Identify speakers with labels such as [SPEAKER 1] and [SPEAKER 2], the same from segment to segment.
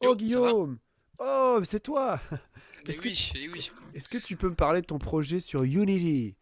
[SPEAKER 1] Oh,
[SPEAKER 2] Yo, ça va?
[SPEAKER 1] Guillaume. Oh, c'est toi.
[SPEAKER 2] Mais
[SPEAKER 1] Est-ce que,
[SPEAKER 2] oui, eh oui,
[SPEAKER 1] est-ce que tu peux me parler de ton projet sur Unity?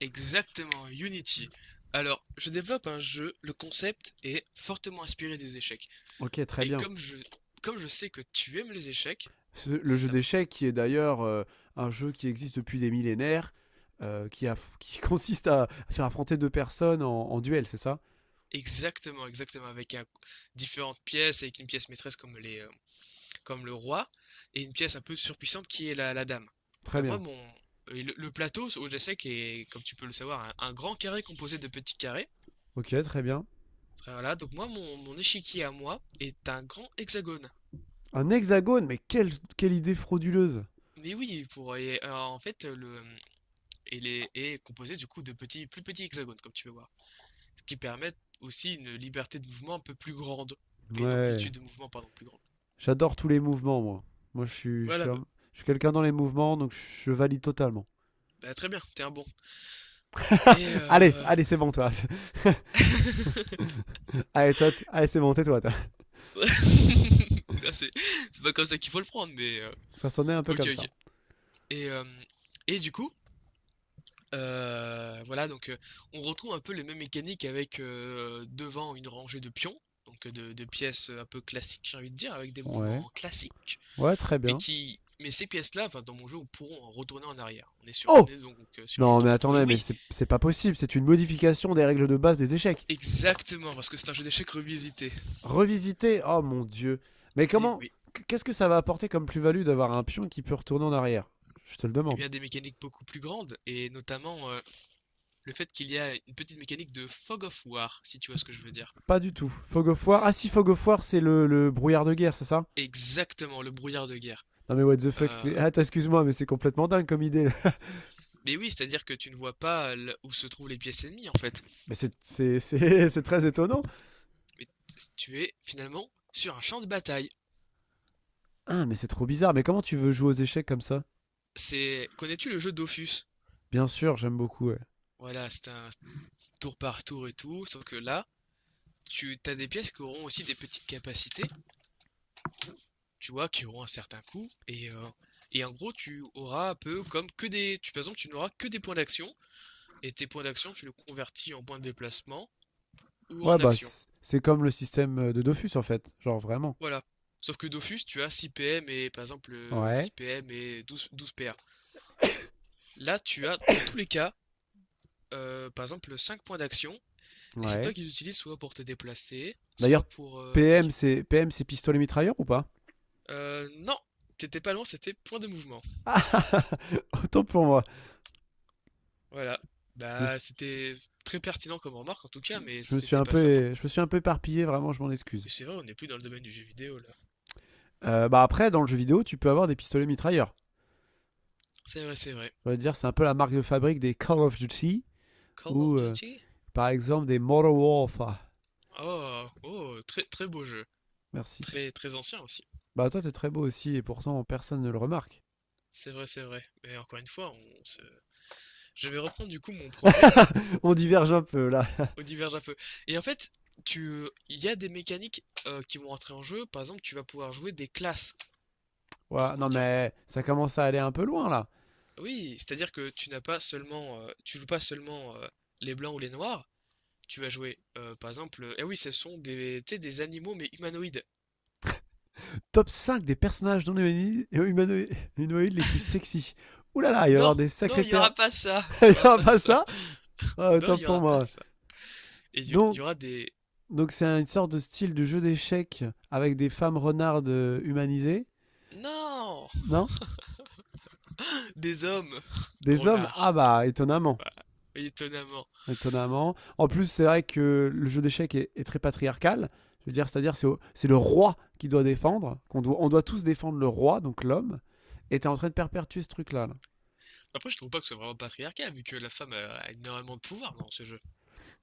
[SPEAKER 2] exactement, Unity. Alors, je développe un jeu, le concept est fortement inspiré des échecs.
[SPEAKER 1] Ok, très
[SPEAKER 2] Et
[SPEAKER 1] bien.
[SPEAKER 2] comme je sais que tu aimes les échecs,
[SPEAKER 1] Le jeu
[SPEAKER 2] ça...
[SPEAKER 1] d'échecs, qui est d'ailleurs un jeu qui existe depuis des millénaires, qui qui consiste à faire affronter deux personnes en, en duel, c'est ça?
[SPEAKER 2] Exactement, exactement, avec différentes pièces, avec une pièce maîtresse comme comme le roi, et une pièce un peu surpuissante qui est la dame.
[SPEAKER 1] Très
[SPEAKER 2] Bah, moi,
[SPEAKER 1] bien.
[SPEAKER 2] mon... et le plateau aux échecs est, comme tu peux le savoir, un grand carré composé de petits carrés.
[SPEAKER 1] Ok, très bien.
[SPEAKER 2] Voilà, donc moi, mon échiquier à moi est un grand hexagone.
[SPEAKER 1] Un hexagone, mais quelle idée frauduleuse!
[SPEAKER 2] Mais oui, pour et alors, en fait, le il est composé du coup de petits plus petits hexagones comme tu peux voir, ce qui permet aussi une liberté de mouvement un peu plus grande et une
[SPEAKER 1] Ouais,
[SPEAKER 2] amplitude de mouvement pardon plus grande.
[SPEAKER 1] j'adore tous les mouvements, moi. Moi, je suis, je
[SPEAKER 2] Voilà,
[SPEAKER 1] suis,
[SPEAKER 2] bah,
[SPEAKER 1] un- je suis quelqu'un dans les mouvements, donc je valide totalement.
[SPEAKER 2] bah, très bien, t'es un bon. Et euh...
[SPEAKER 1] Allez, c'est bon, toi. Allez, c'est bon, tais-toi. Toi.
[SPEAKER 2] Ah, c'est pas comme ça qu'il faut le prendre, mais,
[SPEAKER 1] Ça sonnait un peu
[SPEAKER 2] ok
[SPEAKER 1] comme
[SPEAKER 2] ok.
[SPEAKER 1] ça.
[SPEAKER 2] Et euh, et du coup, voilà donc, on retrouve un peu les mêmes mécaniques avec, devant une rangée de pions, donc, de pièces un peu classiques j'ai envie de dire avec des
[SPEAKER 1] Ouais.
[SPEAKER 2] mouvements classiques.
[SPEAKER 1] Ouais, très
[SPEAKER 2] mais
[SPEAKER 1] bien.
[SPEAKER 2] qui mais ces pièces-là, enfin, dans mon jeu, on pourront en retourner en arrière. On est sur, on
[SPEAKER 1] Oh,
[SPEAKER 2] est donc, sur un jeu de
[SPEAKER 1] non, mais
[SPEAKER 2] tour par tour. Et
[SPEAKER 1] attendez, mais
[SPEAKER 2] oui,
[SPEAKER 1] c'est pas possible. C'est une modification des règles de base des échecs.
[SPEAKER 2] exactement, parce que c'est un jeu d'échecs revisité.
[SPEAKER 1] Revisiter? Oh mon dieu. Mais
[SPEAKER 2] Et
[SPEAKER 1] comment?
[SPEAKER 2] oui,
[SPEAKER 1] Qu'est-ce que ça va apporter comme plus-value d'avoir un pion qui peut retourner en arrière? Je te le
[SPEAKER 2] et
[SPEAKER 1] demande.
[SPEAKER 2] bien des mécaniques beaucoup plus grandes, et notamment, le fait qu'il y a une petite mécanique de fog of war, si tu vois ce que je veux dire.
[SPEAKER 1] Pas du tout. Fog of War. Ah si, Fog of War, c'est le brouillard de guerre, c'est ça?
[SPEAKER 2] Exactement, le brouillard de guerre.
[SPEAKER 1] Non mais what the fuck
[SPEAKER 2] Euh,
[SPEAKER 1] ah, excuse-moi, mais c'est complètement dingue comme idée. Là.
[SPEAKER 2] mais oui, c'est-à-dire que tu ne vois pas où se trouvent les pièces ennemies en fait.
[SPEAKER 1] Mais c'est c'est très étonnant.
[SPEAKER 2] Mais tu es finalement sur un champ de bataille.
[SPEAKER 1] Ah, mais c'est trop bizarre. Mais comment tu veux jouer aux échecs comme ça?
[SPEAKER 2] Connais-tu le jeu Dofus?
[SPEAKER 1] Bien sûr, j'aime beaucoup. Ouais.
[SPEAKER 2] Voilà, c'est un tour par tour et tout, sauf que là, tu as des pièces qui auront aussi des petites capacités, tu vois, qui auront un certain coût. Et en gros, tu auras un peu comme que des. Tu, par exemple, tu n'auras que des points d'action, et tes points d'action, tu les convertis en points de déplacement ou
[SPEAKER 1] Ouais,
[SPEAKER 2] en
[SPEAKER 1] bah,
[SPEAKER 2] action.
[SPEAKER 1] c'est comme le système de Dofus, en fait. Genre, vraiment.
[SPEAKER 2] Voilà. Sauf que Dofus, tu as 6 PM et par exemple, six 6
[SPEAKER 1] Ouais,
[SPEAKER 2] PM et 12 12 PA. Là, tu as dans tous les cas, par exemple, 5 points d'action, et c'est
[SPEAKER 1] ouais.
[SPEAKER 2] toi qui les utilises soit pour te déplacer,
[SPEAKER 1] D'ailleurs,
[SPEAKER 2] soit pour,
[SPEAKER 1] PM,
[SPEAKER 2] attaquer.
[SPEAKER 1] c'est PM, c'est pistolet mitrailleur ou pas?
[SPEAKER 2] Non, t'étais pas loin, c'était point de mouvement.
[SPEAKER 1] Ah, autant pour moi.
[SPEAKER 2] Voilà.
[SPEAKER 1] Je me,
[SPEAKER 2] Bah,
[SPEAKER 1] suis-
[SPEAKER 2] c'était très pertinent comme remarque en tout
[SPEAKER 1] je-
[SPEAKER 2] cas, mais
[SPEAKER 1] je me suis
[SPEAKER 2] c'était
[SPEAKER 1] un
[SPEAKER 2] pas ça.
[SPEAKER 1] peu, je me suis un peu éparpillé, vraiment, je m'en
[SPEAKER 2] Et
[SPEAKER 1] excuse.
[SPEAKER 2] c'est vrai, on n'est plus dans le domaine du jeu vidéo là.
[SPEAKER 1] Bah après, dans le jeu vidéo, tu peux avoir des pistolets mitrailleurs.
[SPEAKER 2] C'est vrai, c'est vrai.
[SPEAKER 1] Je veux dire, c'est un peu la marque de fabrique des Call of Duty
[SPEAKER 2] Call
[SPEAKER 1] ou,
[SPEAKER 2] of Duty?
[SPEAKER 1] par exemple, des Modern Warfare.
[SPEAKER 2] Oh, oh, très très beau jeu.
[SPEAKER 1] Merci.
[SPEAKER 2] Très très ancien aussi.
[SPEAKER 1] Bah toi, t'es très beau aussi, et pourtant, personne ne le remarque.
[SPEAKER 2] C'est vrai, c'est vrai. Mais encore une fois, on se... Je vais reprendre du coup mon projet
[SPEAKER 1] On diverge un peu là.
[SPEAKER 2] au diverge à feu. Et en fait, il y a des mécaniques, qui vont rentrer en jeu. Par exemple, tu vas pouvoir jouer des classes. Genre
[SPEAKER 1] Ouais,
[SPEAKER 2] comment
[SPEAKER 1] non
[SPEAKER 2] dire?
[SPEAKER 1] mais ça commence à aller un peu loin là.
[SPEAKER 2] Oui, c'est-à-dire que tu n'as pas seulement, tu joues pas seulement, les blancs ou les noirs. Tu vas jouer, par exemple, eh oui, ce sont des, tu sais, des animaux mais humanoïdes.
[SPEAKER 1] Top 5 des personnages non humani- humano- humanoïdes les plus sexy. Ouh là là, il va y
[SPEAKER 2] Non,
[SPEAKER 1] avoir des
[SPEAKER 2] non,
[SPEAKER 1] sacrés
[SPEAKER 2] il y
[SPEAKER 1] perles.
[SPEAKER 2] aura pas ça,
[SPEAKER 1] Il
[SPEAKER 2] il y
[SPEAKER 1] n'y
[SPEAKER 2] aura
[SPEAKER 1] aura
[SPEAKER 2] pas
[SPEAKER 1] pas
[SPEAKER 2] ça.
[SPEAKER 1] ça? Ah,
[SPEAKER 2] Non,
[SPEAKER 1] tant
[SPEAKER 2] il y
[SPEAKER 1] pour
[SPEAKER 2] aura pas
[SPEAKER 1] moi.
[SPEAKER 2] ça. Et il y, y
[SPEAKER 1] Donc,
[SPEAKER 2] aura des,
[SPEAKER 1] donc c'est une sorte de style de jeu d'échecs avec des femmes renardes humanisées,
[SPEAKER 2] non,
[SPEAKER 1] non?
[SPEAKER 2] des hommes,
[SPEAKER 1] Des hommes? Ah
[SPEAKER 2] renards.
[SPEAKER 1] bah étonnamment,
[SPEAKER 2] Voilà. Étonnamment.
[SPEAKER 1] étonnamment. En plus, c'est vrai que le jeu d'échecs est très patriarcal. Je veux dire, c'est le roi qui doit défendre, on doit tous défendre le roi, donc l'homme. Et t'es en train de perpétuer ce truc-là. Là.
[SPEAKER 2] Après, je trouve pas que c'est vraiment patriarcal, vu que la femme a énormément de pouvoir dans ce jeu.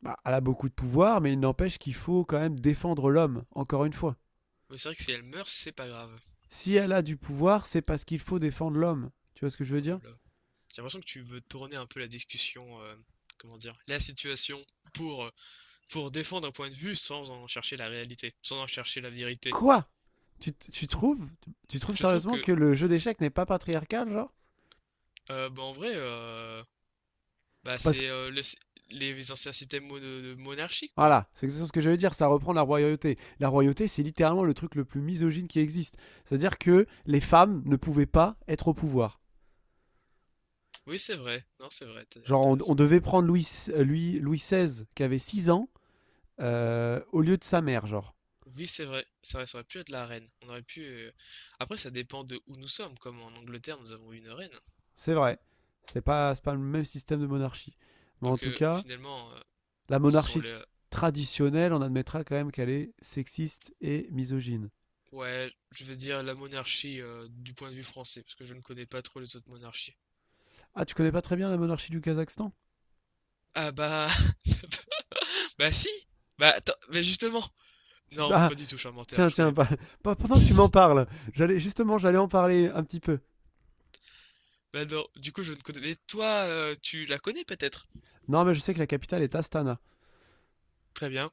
[SPEAKER 1] Bah, elle a beaucoup de pouvoir, mais il n'empêche qu'il faut quand même défendre l'homme, encore une fois.
[SPEAKER 2] Mais c'est vrai que si elle meurt, c'est pas grave.
[SPEAKER 1] Si elle a du pouvoir, c'est parce qu'il faut défendre l'homme. Tu vois ce que je veux
[SPEAKER 2] Oh
[SPEAKER 1] dire?
[SPEAKER 2] là là. J'ai l'impression que tu veux tourner un peu la discussion, comment dire, la situation pour, pour défendre un point de vue sans en chercher la réalité, sans en chercher la vérité.
[SPEAKER 1] Quoi? Tu trouves? Tu trouves
[SPEAKER 2] Je trouve
[SPEAKER 1] sérieusement
[SPEAKER 2] que
[SPEAKER 1] que le jeu d'échecs n'est pas patriarcal, genre?
[SPEAKER 2] Bah, en vrai, bah,
[SPEAKER 1] Parce que,
[SPEAKER 2] c'est, les anciens systèmes de monarchie, quoi.
[SPEAKER 1] voilà, c'est exactement ce que j'allais dire, ça reprend la royauté. La royauté, c'est littéralement le truc le plus misogyne qui existe. C'est-à-dire que les femmes ne pouvaient pas être au pouvoir.
[SPEAKER 2] Oui, c'est vrai. Non, c'est vrai, t'as,
[SPEAKER 1] Genre,
[SPEAKER 2] t'as raison.
[SPEAKER 1] on devait prendre Louis, Louis XVI, qui avait 6 ans, au lieu de sa mère, genre.
[SPEAKER 2] Oui, c'est vrai. C'est vrai, ça aurait pu être la reine. On aurait pu, après, ça dépend de où nous sommes. Comme en Angleterre, nous avons une reine.
[SPEAKER 1] C'est vrai. C'est pas le même système de monarchie. Mais en
[SPEAKER 2] Donc,
[SPEAKER 1] tout cas,
[SPEAKER 2] finalement,
[SPEAKER 1] la
[SPEAKER 2] ce sont
[SPEAKER 1] monarchie
[SPEAKER 2] les.
[SPEAKER 1] traditionnelle, on admettra quand même qu'elle est sexiste et misogyne.
[SPEAKER 2] Ouais, je veux dire la monarchie, du point de vue français, parce que je ne connais pas trop les autres monarchies.
[SPEAKER 1] Ah, tu connais pas très bien la monarchie du Kazakhstan?
[SPEAKER 2] Ah bah. Bah si! Bah attends, mais justement! Non,
[SPEAKER 1] Ah,
[SPEAKER 2] pas du tout, je suis un menteur,
[SPEAKER 1] tiens,
[SPEAKER 2] je
[SPEAKER 1] tiens,
[SPEAKER 2] connais pas.
[SPEAKER 1] pas, pas- pendant que tu m'en parles, j'allais en parler un petit peu.
[SPEAKER 2] Bah non, du coup, je ne connais. Mais toi, tu la connais peut-être?
[SPEAKER 1] Non, mais je sais que la capitale est Astana.
[SPEAKER 2] Très bien.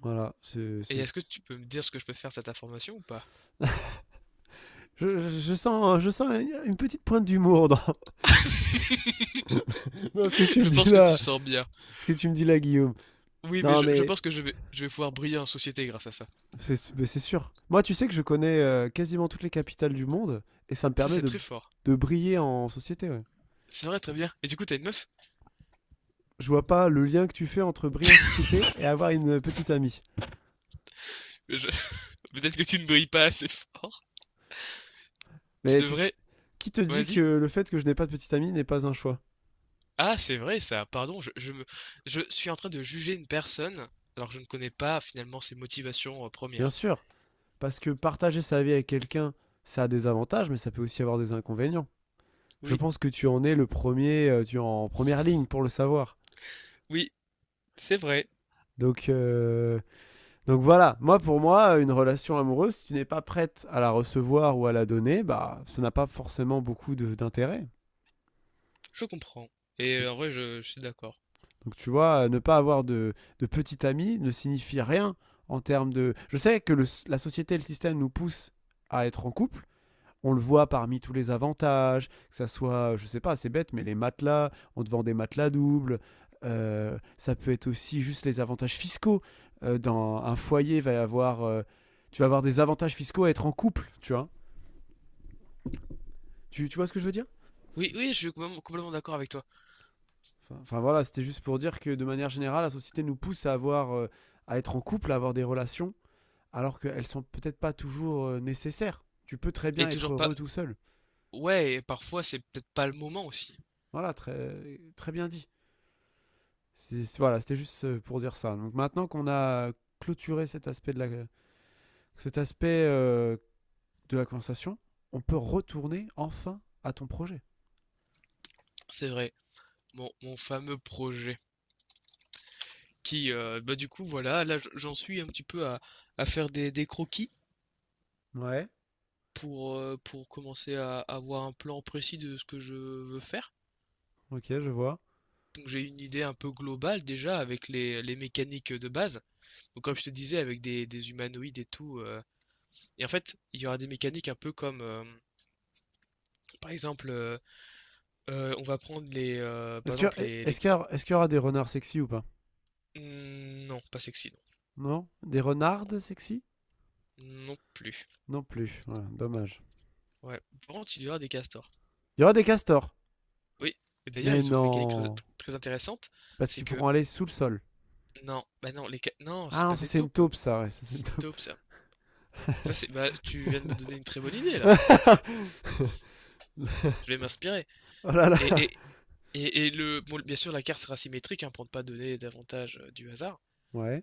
[SPEAKER 1] Voilà, c'est,
[SPEAKER 2] Et
[SPEAKER 1] c'est-
[SPEAKER 2] est-ce que tu peux me dire ce que je peux faire de cette information ou pas?
[SPEAKER 1] Je sens, je sens une petite pointe d'humour dans, dans ce que tu me
[SPEAKER 2] Je
[SPEAKER 1] dis
[SPEAKER 2] pense que tu
[SPEAKER 1] là,
[SPEAKER 2] sors bien.
[SPEAKER 1] ce que tu me dis là, Guillaume.
[SPEAKER 2] Oui, mais
[SPEAKER 1] Non,
[SPEAKER 2] je
[SPEAKER 1] mais
[SPEAKER 2] pense que je vais pouvoir briller en société grâce à ça.
[SPEAKER 1] c'est mais c'est sûr. Moi, tu sais que je connais quasiment toutes les capitales du monde et ça me
[SPEAKER 2] Ça,
[SPEAKER 1] permet
[SPEAKER 2] c'est très fort.
[SPEAKER 1] de briller en société. Ouais.
[SPEAKER 2] C'est vrai, très bien. Et du coup, t'as une meuf?
[SPEAKER 1] Je vois pas le lien que tu fais entre briller en société et avoir une petite amie.
[SPEAKER 2] Je- Peut-être que tu ne brilles pas assez fort. Tu
[SPEAKER 1] Mais tu s-
[SPEAKER 2] devrais.
[SPEAKER 1] qui te dit que
[SPEAKER 2] Vas-y.
[SPEAKER 1] le fait que je n'ai pas de petite amie n'est pas un choix?
[SPEAKER 2] Ah, c'est vrai ça. Pardon, je suis en train de juger une personne alors que je ne connais pas finalement ses motivations,
[SPEAKER 1] Bien
[SPEAKER 2] premières.
[SPEAKER 1] sûr, parce que partager sa vie avec quelqu'un, ça a des avantages, mais ça peut aussi avoir des inconvénients. Je
[SPEAKER 2] Oui,
[SPEAKER 1] pense que tu en es le premier, tu es en première ligne pour le savoir.
[SPEAKER 2] oui, c'est vrai.
[SPEAKER 1] Donc, euh, Donc voilà, moi pour moi, une relation amoureuse, si tu n'es pas prête à la recevoir ou à la donner, bah ça n'a pas forcément beaucoup d'intérêt.
[SPEAKER 2] Je comprends. Et en vrai, je suis d'accord.
[SPEAKER 1] Donc tu vois, ne pas avoir de petit ami ne signifie rien en termes de... Je sais que la société et le système nous poussent à être en couple. On le voit parmi tous les avantages, que ça soit, je sais pas, c'est bête, mais les matelas, on te vend des matelas doubles. Ça peut être aussi juste les avantages fiscaux. Dans un foyer, va y avoir, tu vas avoir des avantages fiscaux à être en couple, tu vois. Tu vois ce que je veux dire?
[SPEAKER 2] Oui, oui, je suis complètement complètement d'accord avec toi.
[SPEAKER 1] Voilà, c'était juste pour dire que de manière générale, la société nous pousse à avoir, à être en couple, à avoir des relations, alors qu'elles sont peut-être pas toujours nécessaires. Tu peux très
[SPEAKER 2] Et
[SPEAKER 1] bien
[SPEAKER 2] toujours
[SPEAKER 1] être
[SPEAKER 2] pas.
[SPEAKER 1] heureux tout seul.
[SPEAKER 2] Ouais, et parfois c'est peut-être pas le moment aussi.
[SPEAKER 1] Voilà, très bien dit. Voilà, c'était juste pour dire ça. Donc maintenant qu'on a clôturé cet aspect cet aspect euh, de la conversation, on peut retourner enfin à ton projet.
[SPEAKER 2] C'est vrai. Mon fameux projet. Qui, bah du coup, voilà, là j'en suis un petit peu à faire des croquis
[SPEAKER 1] Ouais.
[SPEAKER 2] pour, pour commencer à avoir un plan précis de ce que je veux faire.
[SPEAKER 1] Ok, je vois.
[SPEAKER 2] Donc j'ai une idée un peu globale déjà avec les mécaniques de base. Donc comme je te disais, avec des humanoïdes et tout, et en fait, il y aura des mécaniques un peu comme, par exemple, on va prendre les, par
[SPEAKER 1] Est-ce que,
[SPEAKER 2] exemple
[SPEAKER 1] Est-ce qu'il y aura des renards sexy ou pas?
[SPEAKER 2] hmm, non, pas sexy, non,
[SPEAKER 1] Non? Des
[SPEAKER 2] non,
[SPEAKER 1] renardes sexy?
[SPEAKER 2] non plus.
[SPEAKER 1] Non plus. Ouais, dommage.
[SPEAKER 2] Ouais, par contre, il y aura des castors.
[SPEAKER 1] Il y aura des castors?
[SPEAKER 2] Oui. Et d'ailleurs,
[SPEAKER 1] Mais
[SPEAKER 2] ils ont une mécanique très,
[SPEAKER 1] non.
[SPEAKER 2] très intéressante,
[SPEAKER 1] Parce
[SPEAKER 2] c'est
[SPEAKER 1] qu'ils
[SPEAKER 2] que
[SPEAKER 1] pourront aller sous le sol.
[SPEAKER 2] non, bah non, non,
[SPEAKER 1] Ah
[SPEAKER 2] c'est
[SPEAKER 1] non,
[SPEAKER 2] pas
[SPEAKER 1] ça
[SPEAKER 2] des
[SPEAKER 1] c'est une
[SPEAKER 2] taupes,
[SPEAKER 1] taupe, ça. Ouais, ça c'est une
[SPEAKER 2] c'est une
[SPEAKER 1] taupe.
[SPEAKER 2] taupe ça. Ça c'est, bah tu viens de me donner une très bonne idée là. Je vais m'inspirer.
[SPEAKER 1] Oh là là.
[SPEAKER 2] Et et et bon, bien sûr, la carte sera symétrique hein, pour ne pas donner davantage, du hasard.
[SPEAKER 1] Ouais.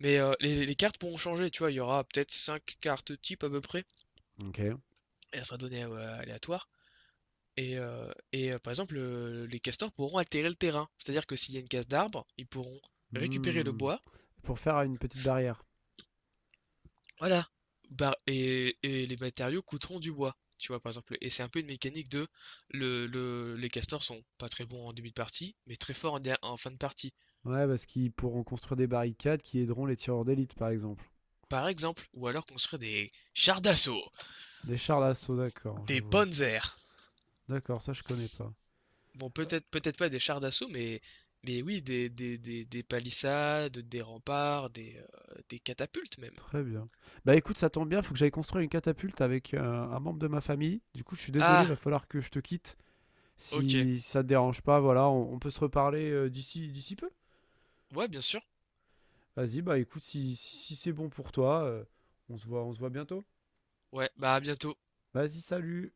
[SPEAKER 2] Mais, les cartes pourront changer, tu vois, il y aura peut-être 5 cartes types à peu près,
[SPEAKER 1] Ok.
[SPEAKER 2] et elle sera donnée, aléatoire. Et, par exemple, les castors pourront altérer le terrain. C'est-à-dire que s'il y a une casse d'arbre, ils pourront récupérer le
[SPEAKER 1] Hmm.
[SPEAKER 2] bois.
[SPEAKER 1] Pour faire une petite barrière.
[SPEAKER 2] Voilà. Bah, et les matériaux coûteront du bois. Tu vois, par exemple. Et c'est un peu une mécanique de les castors sont pas très bons en début de partie, mais très forts en fin de partie.
[SPEAKER 1] Ouais, parce qu'ils pourront construire des barricades qui aideront les tireurs d'élite, par exemple.
[SPEAKER 2] Par exemple, ou alors construire des chars d'assaut,
[SPEAKER 1] Des chars d'assaut, d'accord, je
[SPEAKER 2] des
[SPEAKER 1] vois.
[SPEAKER 2] panzers.
[SPEAKER 1] D'accord, ça je connais pas.
[SPEAKER 2] Bon,
[SPEAKER 1] Euh,
[SPEAKER 2] peut-être pas des chars d'assaut, mais, oui, des palissades, des remparts, des catapultes même.
[SPEAKER 1] Très bien. Bah écoute, ça tombe bien, faut que j'aille construire une catapulte avec un membre de ma famille. Du coup, je suis désolé, va
[SPEAKER 2] Ah,
[SPEAKER 1] falloir que je te quitte.
[SPEAKER 2] ok.
[SPEAKER 1] Si ça te dérange pas, voilà, on peut se reparler d'ici d'ici peu.
[SPEAKER 2] Ouais, bien sûr.
[SPEAKER 1] Vas-y, bah écoute, si c'est bon pour toi, on se voit bientôt.
[SPEAKER 2] Ouais, bah à bientôt.
[SPEAKER 1] Vas-y, salut.